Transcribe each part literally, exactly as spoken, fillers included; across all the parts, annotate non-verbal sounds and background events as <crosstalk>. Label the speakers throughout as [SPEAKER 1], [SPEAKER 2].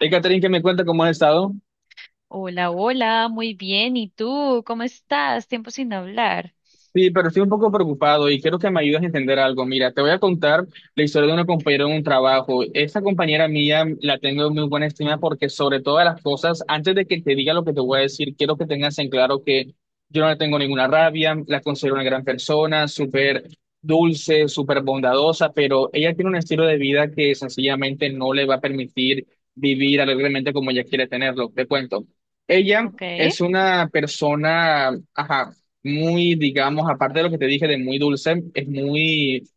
[SPEAKER 1] Hey, Catherine, ¿qué me cuenta cómo has estado?
[SPEAKER 2] Hola, hola, muy bien. ¿Y tú? ¿Cómo estás? Tiempo sin hablar.
[SPEAKER 1] Sí, pero estoy un poco preocupado y quiero que me ayudes a entender algo. Mira, te voy a contar la historia de una compañera en un trabajo. Esa compañera mía la tengo en muy buena estima porque sobre todas las cosas, antes de que te diga lo que te voy a decir, quiero que tengas en claro que yo no le tengo ninguna rabia, la considero una gran persona, súper dulce, súper bondadosa, pero ella tiene un estilo de vida que sencillamente no le va a permitir vivir alegremente como ella quiere tenerlo. Te cuento. Ella
[SPEAKER 2] Ok.
[SPEAKER 1] es una persona, ajá, muy, digamos, aparte de lo que te dije de muy dulce, es muy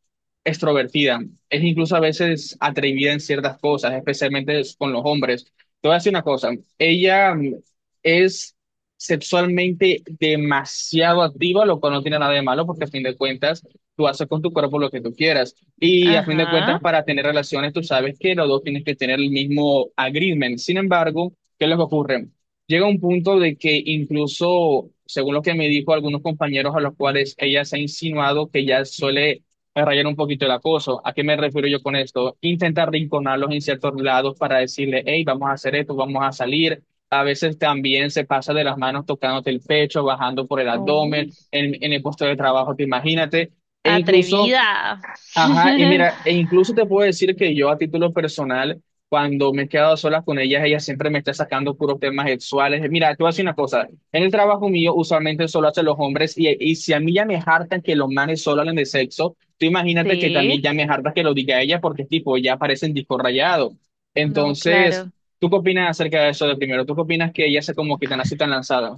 [SPEAKER 1] extrovertida, es incluso a veces atrevida en ciertas cosas, especialmente es- con los hombres. Te voy a decir una cosa, ella mm, es sexualmente demasiado activa, lo cual no tiene nada de malo porque a fin de cuentas tú haces con tu cuerpo lo que tú quieras. Y a fin de cuentas,
[SPEAKER 2] Ajá.
[SPEAKER 1] para tener relaciones tú sabes que los dos tienes que tener el mismo agreement. Sin embargo, ¿qué les ocurre? Llega un punto de que incluso, según lo que me dijo algunos compañeros a los cuales ella se ha insinuado, que ya suele a rayar un poquito el acoso. ¿A qué me refiero yo con esto? Intentar rinconarlos en ciertos lados para decirle, hey, vamos a hacer esto, vamos a salir. A veces también se pasa de las manos tocándote el pecho, bajando por el
[SPEAKER 2] Oh,
[SPEAKER 1] abdomen, en, en el puesto de trabajo, te imagínate. E incluso,
[SPEAKER 2] atrevida.
[SPEAKER 1] ajá,
[SPEAKER 2] <laughs>
[SPEAKER 1] y mira, e incluso te puedo decir que yo a título personal, cuando me he quedado a solas con ellas, ella siempre me está sacando puros temas sexuales. Mira, te voy a decir una cosa, en el trabajo mío usualmente solo hacen los hombres y, y si a mí ya me hartan que los manes solo hablen de sexo, tú imagínate que
[SPEAKER 2] Sí,
[SPEAKER 1] también ya me harta que lo diga ella porque tipo, ya parecen disco rayado.
[SPEAKER 2] no,
[SPEAKER 1] Entonces,
[SPEAKER 2] claro.
[SPEAKER 1] ¿tú qué opinas acerca de eso de primero? ¿Tú qué opinas que ella sea como que tan así tan lanzada?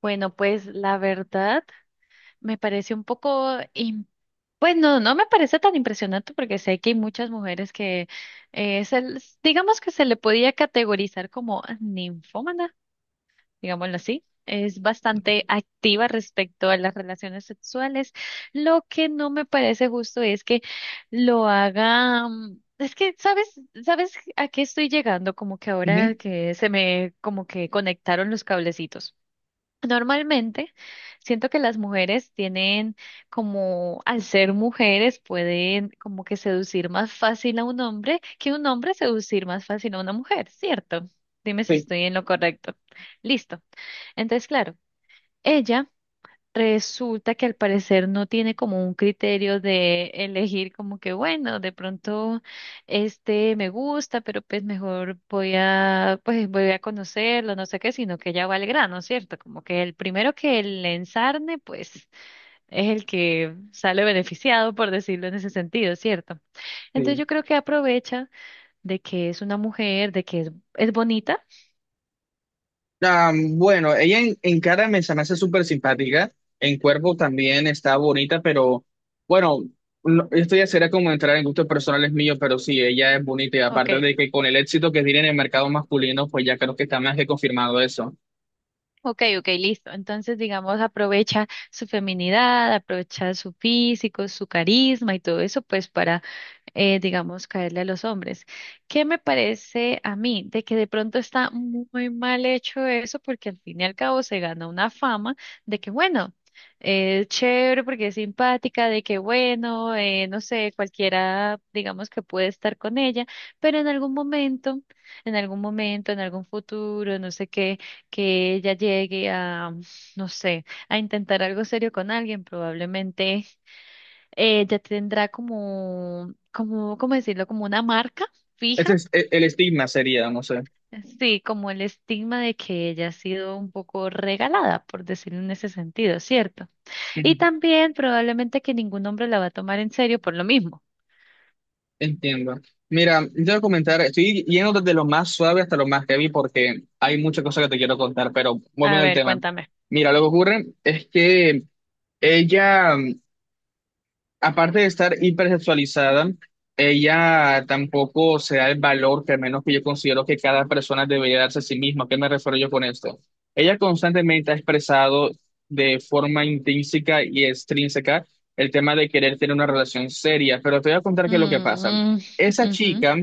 [SPEAKER 2] Bueno, pues la verdad me parece un poco, im- pues no, no me parece tan impresionante porque sé que hay muchas mujeres que eh, se les- digamos que se le podía categorizar como ninfómana, digámoslo así, es bastante activa respecto a las relaciones sexuales. Lo que no me parece justo es que lo haga, mm, es que, ¿sabes? ¿Sabes a qué estoy llegando? Como que ahora
[SPEAKER 1] Ujú,
[SPEAKER 2] que se me, como que conectaron los cablecitos. Normalmente siento que las mujeres tienen como, al ser mujeres, pueden como que seducir más fácil a un hombre que un hombre seducir más fácil a una mujer, ¿cierto? Dime si
[SPEAKER 1] sí,
[SPEAKER 2] estoy en lo correcto. Listo. Entonces, claro, ella resulta que al parecer no tiene como un criterio de elegir como que, bueno, de pronto este me gusta, pero pues mejor voy a, pues voy a conocerlo, no sé qué, sino que ella va al grano, ¿cierto? Como que el primero que le ensarne, pues es el que sale beneficiado, por decirlo en ese sentido, ¿cierto? Entonces
[SPEAKER 1] sí.
[SPEAKER 2] yo creo que aprovecha de que es una mujer, de que es, es bonita.
[SPEAKER 1] Ah, bueno, ella en, en cara me se me hace súper simpática, en cuerpo también está bonita, pero bueno, no- esto ya será como entrar en gustos personales míos, pero sí, ella es bonita y
[SPEAKER 2] Ok,
[SPEAKER 1] aparte de que con el éxito que tiene en el mercado masculino, pues ya creo que está más que confirmado eso.
[SPEAKER 2] ok, ok, listo. Entonces, digamos, aprovecha su feminidad, aprovecha su físico, su carisma y todo eso, pues para eh, digamos, caerle a los hombres. ¿Qué me parece a mí? De que de pronto está muy mal hecho eso, porque al fin y al cabo se gana una fama de que, bueno, eh, es chévere porque es simpática, de que, bueno, eh, no sé, cualquiera, digamos, que puede estar con ella, pero en algún momento, en algún momento, en algún futuro, no sé qué, que ella llegue a, no sé, a intentar algo serio con alguien, probablemente eh, ya tendrá como, como, ¿cómo decirlo? Como una marca fija,
[SPEAKER 1] Ese es e- el estigma sería, no sé.
[SPEAKER 2] sí, como el estigma de que ella ha sido un poco regalada, por decirlo en ese sentido, ¿cierto?
[SPEAKER 1] <laughs> Ujú,
[SPEAKER 2] Y también probablemente que ningún hombre la va a tomar en serio por lo mismo.
[SPEAKER 1] entiendo. Mira, yo te voy a comentar, estoy yendo desde lo más suave hasta lo más heavy porque hay muchas cosas que te quiero contar, pero volviendo
[SPEAKER 2] A
[SPEAKER 1] al
[SPEAKER 2] ver,
[SPEAKER 1] tema.
[SPEAKER 2] cuéntame.
[SPEAKER 1] Mira, lo que ocurre es que ella, aparte de estar hipersexualizada, ella tampoco se da el valor que al menos que yo considero que cada persona debería darse a sí misma. ¿A ¿Qué me refiero yo con esto? Ella constantemente ha expresado de forma intrínseca y extrínseca el tema de querer tener una relación seria, pero te voy a contar qué es lo que pasa.
[SPEAKER 2] Mm,
[SPEAKER 1] Esa chica
[SPEAKER 2] ujú.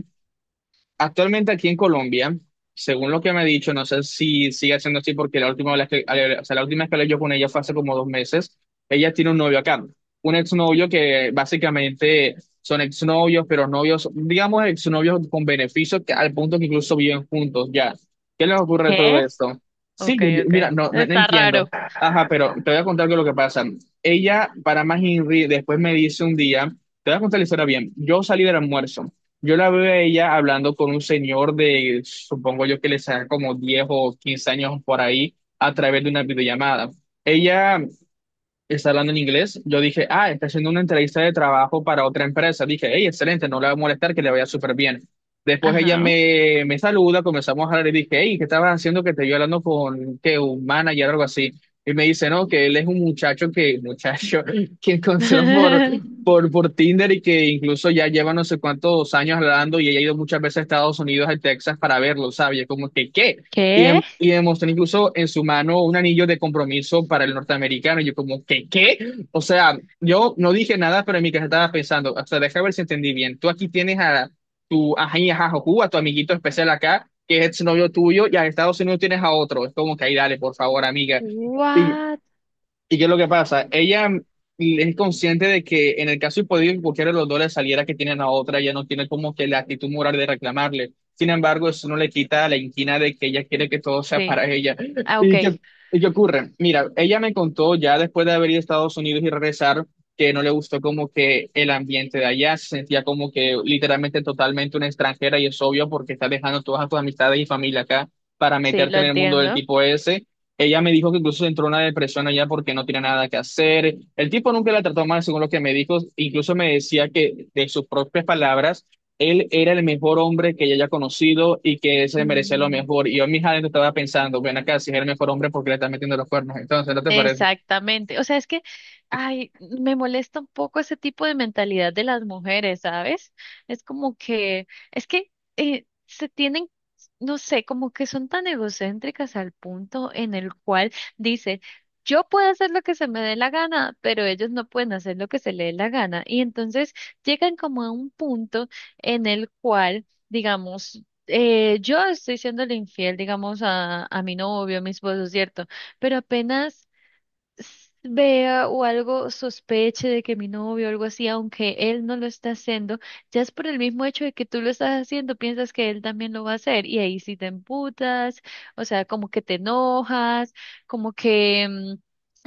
[SPEAKER 1] actualmente aquí en Colombia, según lo que me ha dicho, no sé si sigue siendo así porque la última vez que, o sea, la última vez que hablé yo con ella fue hace como dos meses, ella tiene un novio acá, un exnovio que básicamente son exnovios, pero novios, digamos exnovios con beneficios que- al punto que incluso viven juntos ya. ¿Qué les ocurre de todo
[SPEAKER 2] ¿Qué?
[SPEAKER 1] esto? Sí,
[SPEAKER 2] Ok,
[SPEAKER 1] yo, yo-
[SPEAKER 2] ok.
[SPEAKER 1] mira, no, no, no
[SPEAKER 2] Está raro.
[SPEAKER 1] entiendo. Ajá, pero te voy a contar qué es lo que pasa. Ella, para más Henry, después me dice un día, te voy a contar la historia bien, yo salí del almuerzo. Yo la veo a ella hablando con un señor de, supongo yo que le saca como diez o quince años por ahí, a través de una videollamada. Ella está hablando en inglés, yo dije, ah, está haciendo una entrevista de trabajo para otra empresa. Dije, hey, excelente, no le va a molestar, que le vaya súper bien. Después ella
[SPEAKER 2] Ajá.
[SPEAKER 1] me, me saluda, comenzamos a hablar y dije, hey, ¿qué estabas haciendo que te vio hablando con que un manager o algo así? Y me dice, no, que él es un muchacho que, muchacho, <laughs> que encontró por, por,
[SPEAKER 2] <laughs>
[SPEAKER 1] por Tinder y que incluso ya lleva no sé cuántos años hablando y ella ha ido muchas veces a Estados Unidos, a Texas, para verlo, ¿sabes? Y es como que, ¿qué? Y,
[SPEAKER 2] ¿Qué?
[SPEAKER 1] dem- y demostró incluso en su mano un anillo de compromiso para el norteamericano. Y yo como, ¿qué, qué? O sea, yo no dije nada, pero en mi casa estaba pensando, o sea, deja ver si entendí bien. Tú aquí tienes a tu ají, ajá, jojú, a tu amiguito especial acá, que es novio tuyo, y a Estados Unidos tienes a otro. Es como que ahí, dale, por favor, amiga. Y
[SPEAKER 2] What?
[SPEAKER 1] ¿y qué es lo que pasa? Ella es consciente de que en el caso hipotético que cualquiera de los dos le saliera que tienen a otra, ella no tiene como que la actitud moral de reclamarle. Sin embargo, eso no le quita la inquina de que ella quiere que todo sea
[SPEAKER 2] Sí.
[SPEAKER 1] para ella.
[SPEAKER 2] Ah, ok.
[SPEAKER 1] ¿Y qué, ¿y qué ocurre? Mira, ella me contó ya después de haber ido a Estados Unidos y regresar que no le gustó como que el ambiente de allá, se sentía como que literalmente totalmente una extranjera y es obvio porque está dejando todas tus amistades y familia acá para
[SPEAKER 2] Sí, lo
[SPEAKER 1] meterte en el mundo del
[SPEAKER 2] entiendo.
[SPEAKER 1] tipo ese. Ella me dijo que incluso entró en una depresión allá porque no tenía nada que hacer. El tipo nunca la trató mal, según lo que me dijo. Incluso me decía que, de sus propias palabras, él era el mejor hombre que ella haya conocido y que se merecía lo
[SPEAKER 2] Mm.
[SPEAKER 1] mejor. Y yo en mis adentros estaba pensando, ven acá, si es el mejor hombre, ¿porque le está metiendo los cuernos? Entonces, ¿no te parece?
[SPEAKER 2] Exactamente. O sea, es que, ay, me molesta un poco ese tipo de mentalidad de las mujeres, ¿sabes? Es como que, es que eh, se tienen, no sé, como que son tan egocéntricas al punto en el cual dice, yo puedo hacer lo que se me dé la gana, pero ellos no pueden hacer lo que se les dé la gana. Y entonces llegan como a un punto en el cual, digamos, eh, yo estoy siendo infiel, digamos, a, a mi novio, a mi esposo, ¿cierto? Pero apenas s- vea o algo sospeche de que mi novio o algo así, aunque él no lo está haciendo, ya es por el mismo hecho de que tú lo estás haciendo, piensas que él también lo va a hacer y ahí sí te emputas, o sea, como que te enojas, como que mm,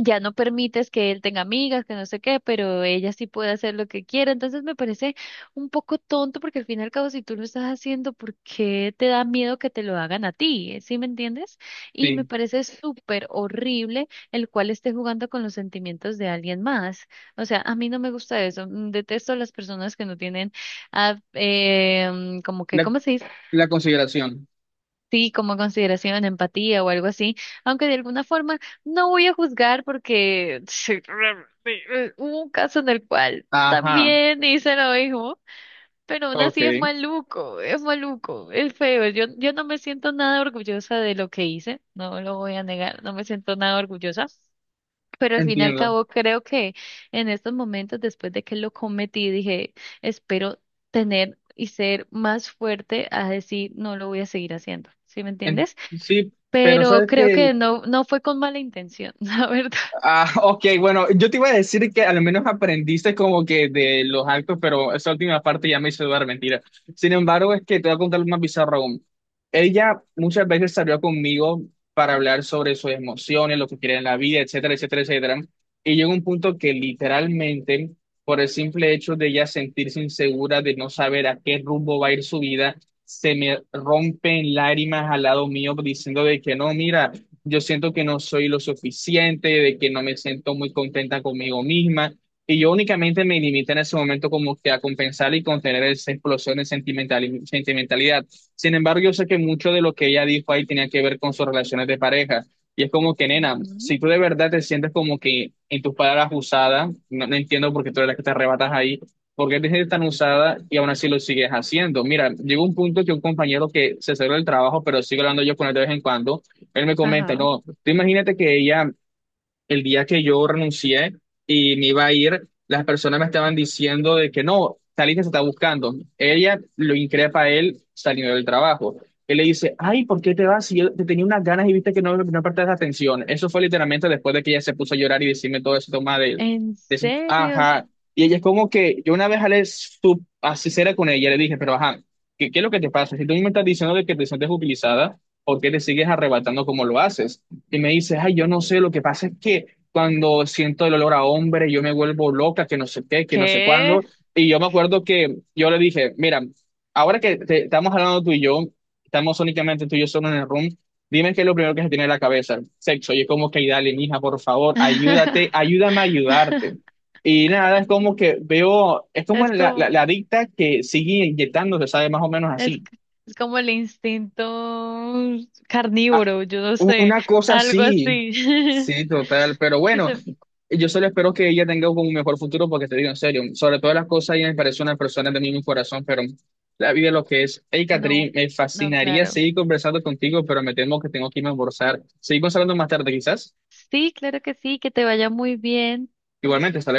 [SPEAKER 2] ya no permites que él tenga amigas, que no sé qué, pero ella sí puede hacer lo que quiera, entonces me parece un poco tonto porque al fin y al cabo si tú lo estás haciendo, ¿por qué te da miedo que te lo hagan a ti? ¿Sí me entiendes? Y me
[SPEAKER 1] Sí,
[SPEAKER 2] parece súper horrible el cual esté jugando con los sentimientos de alguien más. O sea, a mí no me gusta eso. Mm, detesto a las personas que no tienen, ah, eh, mm, como que,
[SPEAKER 1] la,
[SPEAKER 2] ¿cómo se dice?
[SPEAKER 1] la consideración.
[SPEAKER 2] Sí, como consideración, empatía o algo así. Aunque de alguna forma no voy a juzgar porque <laughs> hubo un caso en el cual
[SPEAKER 1] Ajá,
[SPEAKER 2] también hice lo mismo. Pero aún
[SPEAKER 1] ok,
[SPEAKER 2] así es maluco, es maluco, es feo. Yo, yo no me siento nada orgullosa de lo que hice, no lo voy a negar, no me siento nada orgullosa. Pero al fin y al
[SPEAKER 1] entiendo.
[SPEAKER 2] cabo, creo que en estos momentos, después de que lo cometí, dije, espero tener y ser más fuerte a decir, no lo voy a seguir haciendo. ¿Sí me
[SPEAKER 1] En-
[SPEAKER 2] entiendes?
[SPEAKER 1] sí, pero
[SPEAKER 2] Pero
[SPEAKER 1] ¿sabes
[SPEAKER 2] creo que
[SPEAKER 1] qué?
[SPEAKER 2] no, no fue con mala intención, <laughs> la verdad.
[SPEAKER 1] Ah, ok, bueno, yo te iba a decir que al menos aprendiste como que de los actos, pero esa última parte ya me hizo dudar, mentira. Sin embargo, es que te voy a contar más bizarro aún. Ella muchas veces salió conmigo para hablar sobre sus emociones, lo que quiere en la vida, etcétera, etcétera, etcétera. Y llegó un punto que literalmente, por el simple hecho de ella sentirse insegura, de no saber a qué rumbo va a ir su vida, se me rompen lágrimas al lado mío diciendo de que no, mira, yo siento que no soy lo suficiente, de que no me siento muy contenta conmigo misma. Y yo únicamente me limité en ese momento como que a compensar y contener esa explosión de sentimentali- sentimentalidad. Sin embargo, yo sé que mucho de lo que ella dijo ahí tenía que ver con sus relaciones de pareja. Y es como que, nena,
[SPEAKER 2] Ujú.
[SPEAKER 1] si tú de verdad te sientes como que en tus palabras usada, no, no entiendo por qué tú eres la que te arrebatas ahí, por qué te sientes tan usada y aún así lo sigues haciendo. Mira, llegó un punto que un compañero que se salió del trabajo, pero sigue hablando yo con él de vez en cuando, él me comenta,
[SPEAKER 2] Ajá.
[SPEAKER 1] no, tú imagínate que ella el día que yo renuncié y me iba a ir, las personas me estaban diciendo de que no, Talita se está buscando. Ella lo increpa a él saliendo del trabajo. Él le dice, ay, ¿por qué te vas? Si yo te tenía unas ganas y viste que no, no prestas atención. Eso fue literalmente después de que ella se puso a llorar y decirme todo eso, toma de,
[SPEAKER 2] ¿En
[SPEAKER 1] de su-
[SPEAKER 2] serio?
[SPEAKER 1] ajá. Y ella es como que, yo una vez Ale, su, así será con ella, le dije, pero ajá, ¿qué, qué es lo que te pasa? Si tú me estás diciendo de que te sientes utilizada, ¿por qué te sigues arrebatando como lo haces? Y me dices, ay, yo no sé, lo que pasa es que cuando siento el olor a hombre, yo me vuelvo loca, que no sé qué, que no sé
[SPEAKER 2] ¿Qué?
[SPEAKER 1] cuándo. Y yo me acuerdo que yo le dije, mira, ahora que te- estamos hablando tú y yo, estamos únicamente tú y yo solo en el room, dime qué es lo primero que se tiene en la cabeza, sexo. Y es como que, dale, mija, por favor, ayúdate,
[SPEAKER 2] <laughs>
[SPEAKER 1] ayúdame a ayudarte. Y nada, es como que veo, es como
[SPEAKER 2] Es
[SPEAKER 1] la, la,
[SPEAKER 2] como,
[SPEAKER 1] la adicta que sigue inyectándose, sabe, más o menos
[SPEAKER 2] es,
[SPEAKER 1] así.
[SPEAKER 2] es como el instinto carnívoro, yo no
[SPEAKER 1] Un-
[SPEAKER 2] sé,
[SPEAKER 1] Una cosa
[SPEAKER 2] algo
[SPEAKER 1] sí,
[SPEAKER 2] así. <laughs>
[SPEAKER 1] sí, total, pero
[SPEAKER 2] Que
[SPEAKER 1] bueno,
[SPEAKER 2] se-
[SPEAKER 1] yo solo espero que ella tenga un mejor futuro porque te digo en serio, sobre todas las cosas ella me parece una persona de mi mismo corazón, pero la vida es lo que es. Hey,
[SPEAKER 2] no,
[SPEAKER 1] Catherine, me
[SPEAKER 2] no,
[SPEAKER 1] fascinaría
[SPEAKER 2] claro.
[SPEAKER 1] seguir conversando contigo, pero me temo que tengo que irme a almorzar. Seguimos hablando más tarde quizás.
[SPEAKER 2] Sí, claro que sí, que te vaya muy bien.
[SPEAKER 1] Igualmente, hasta luego.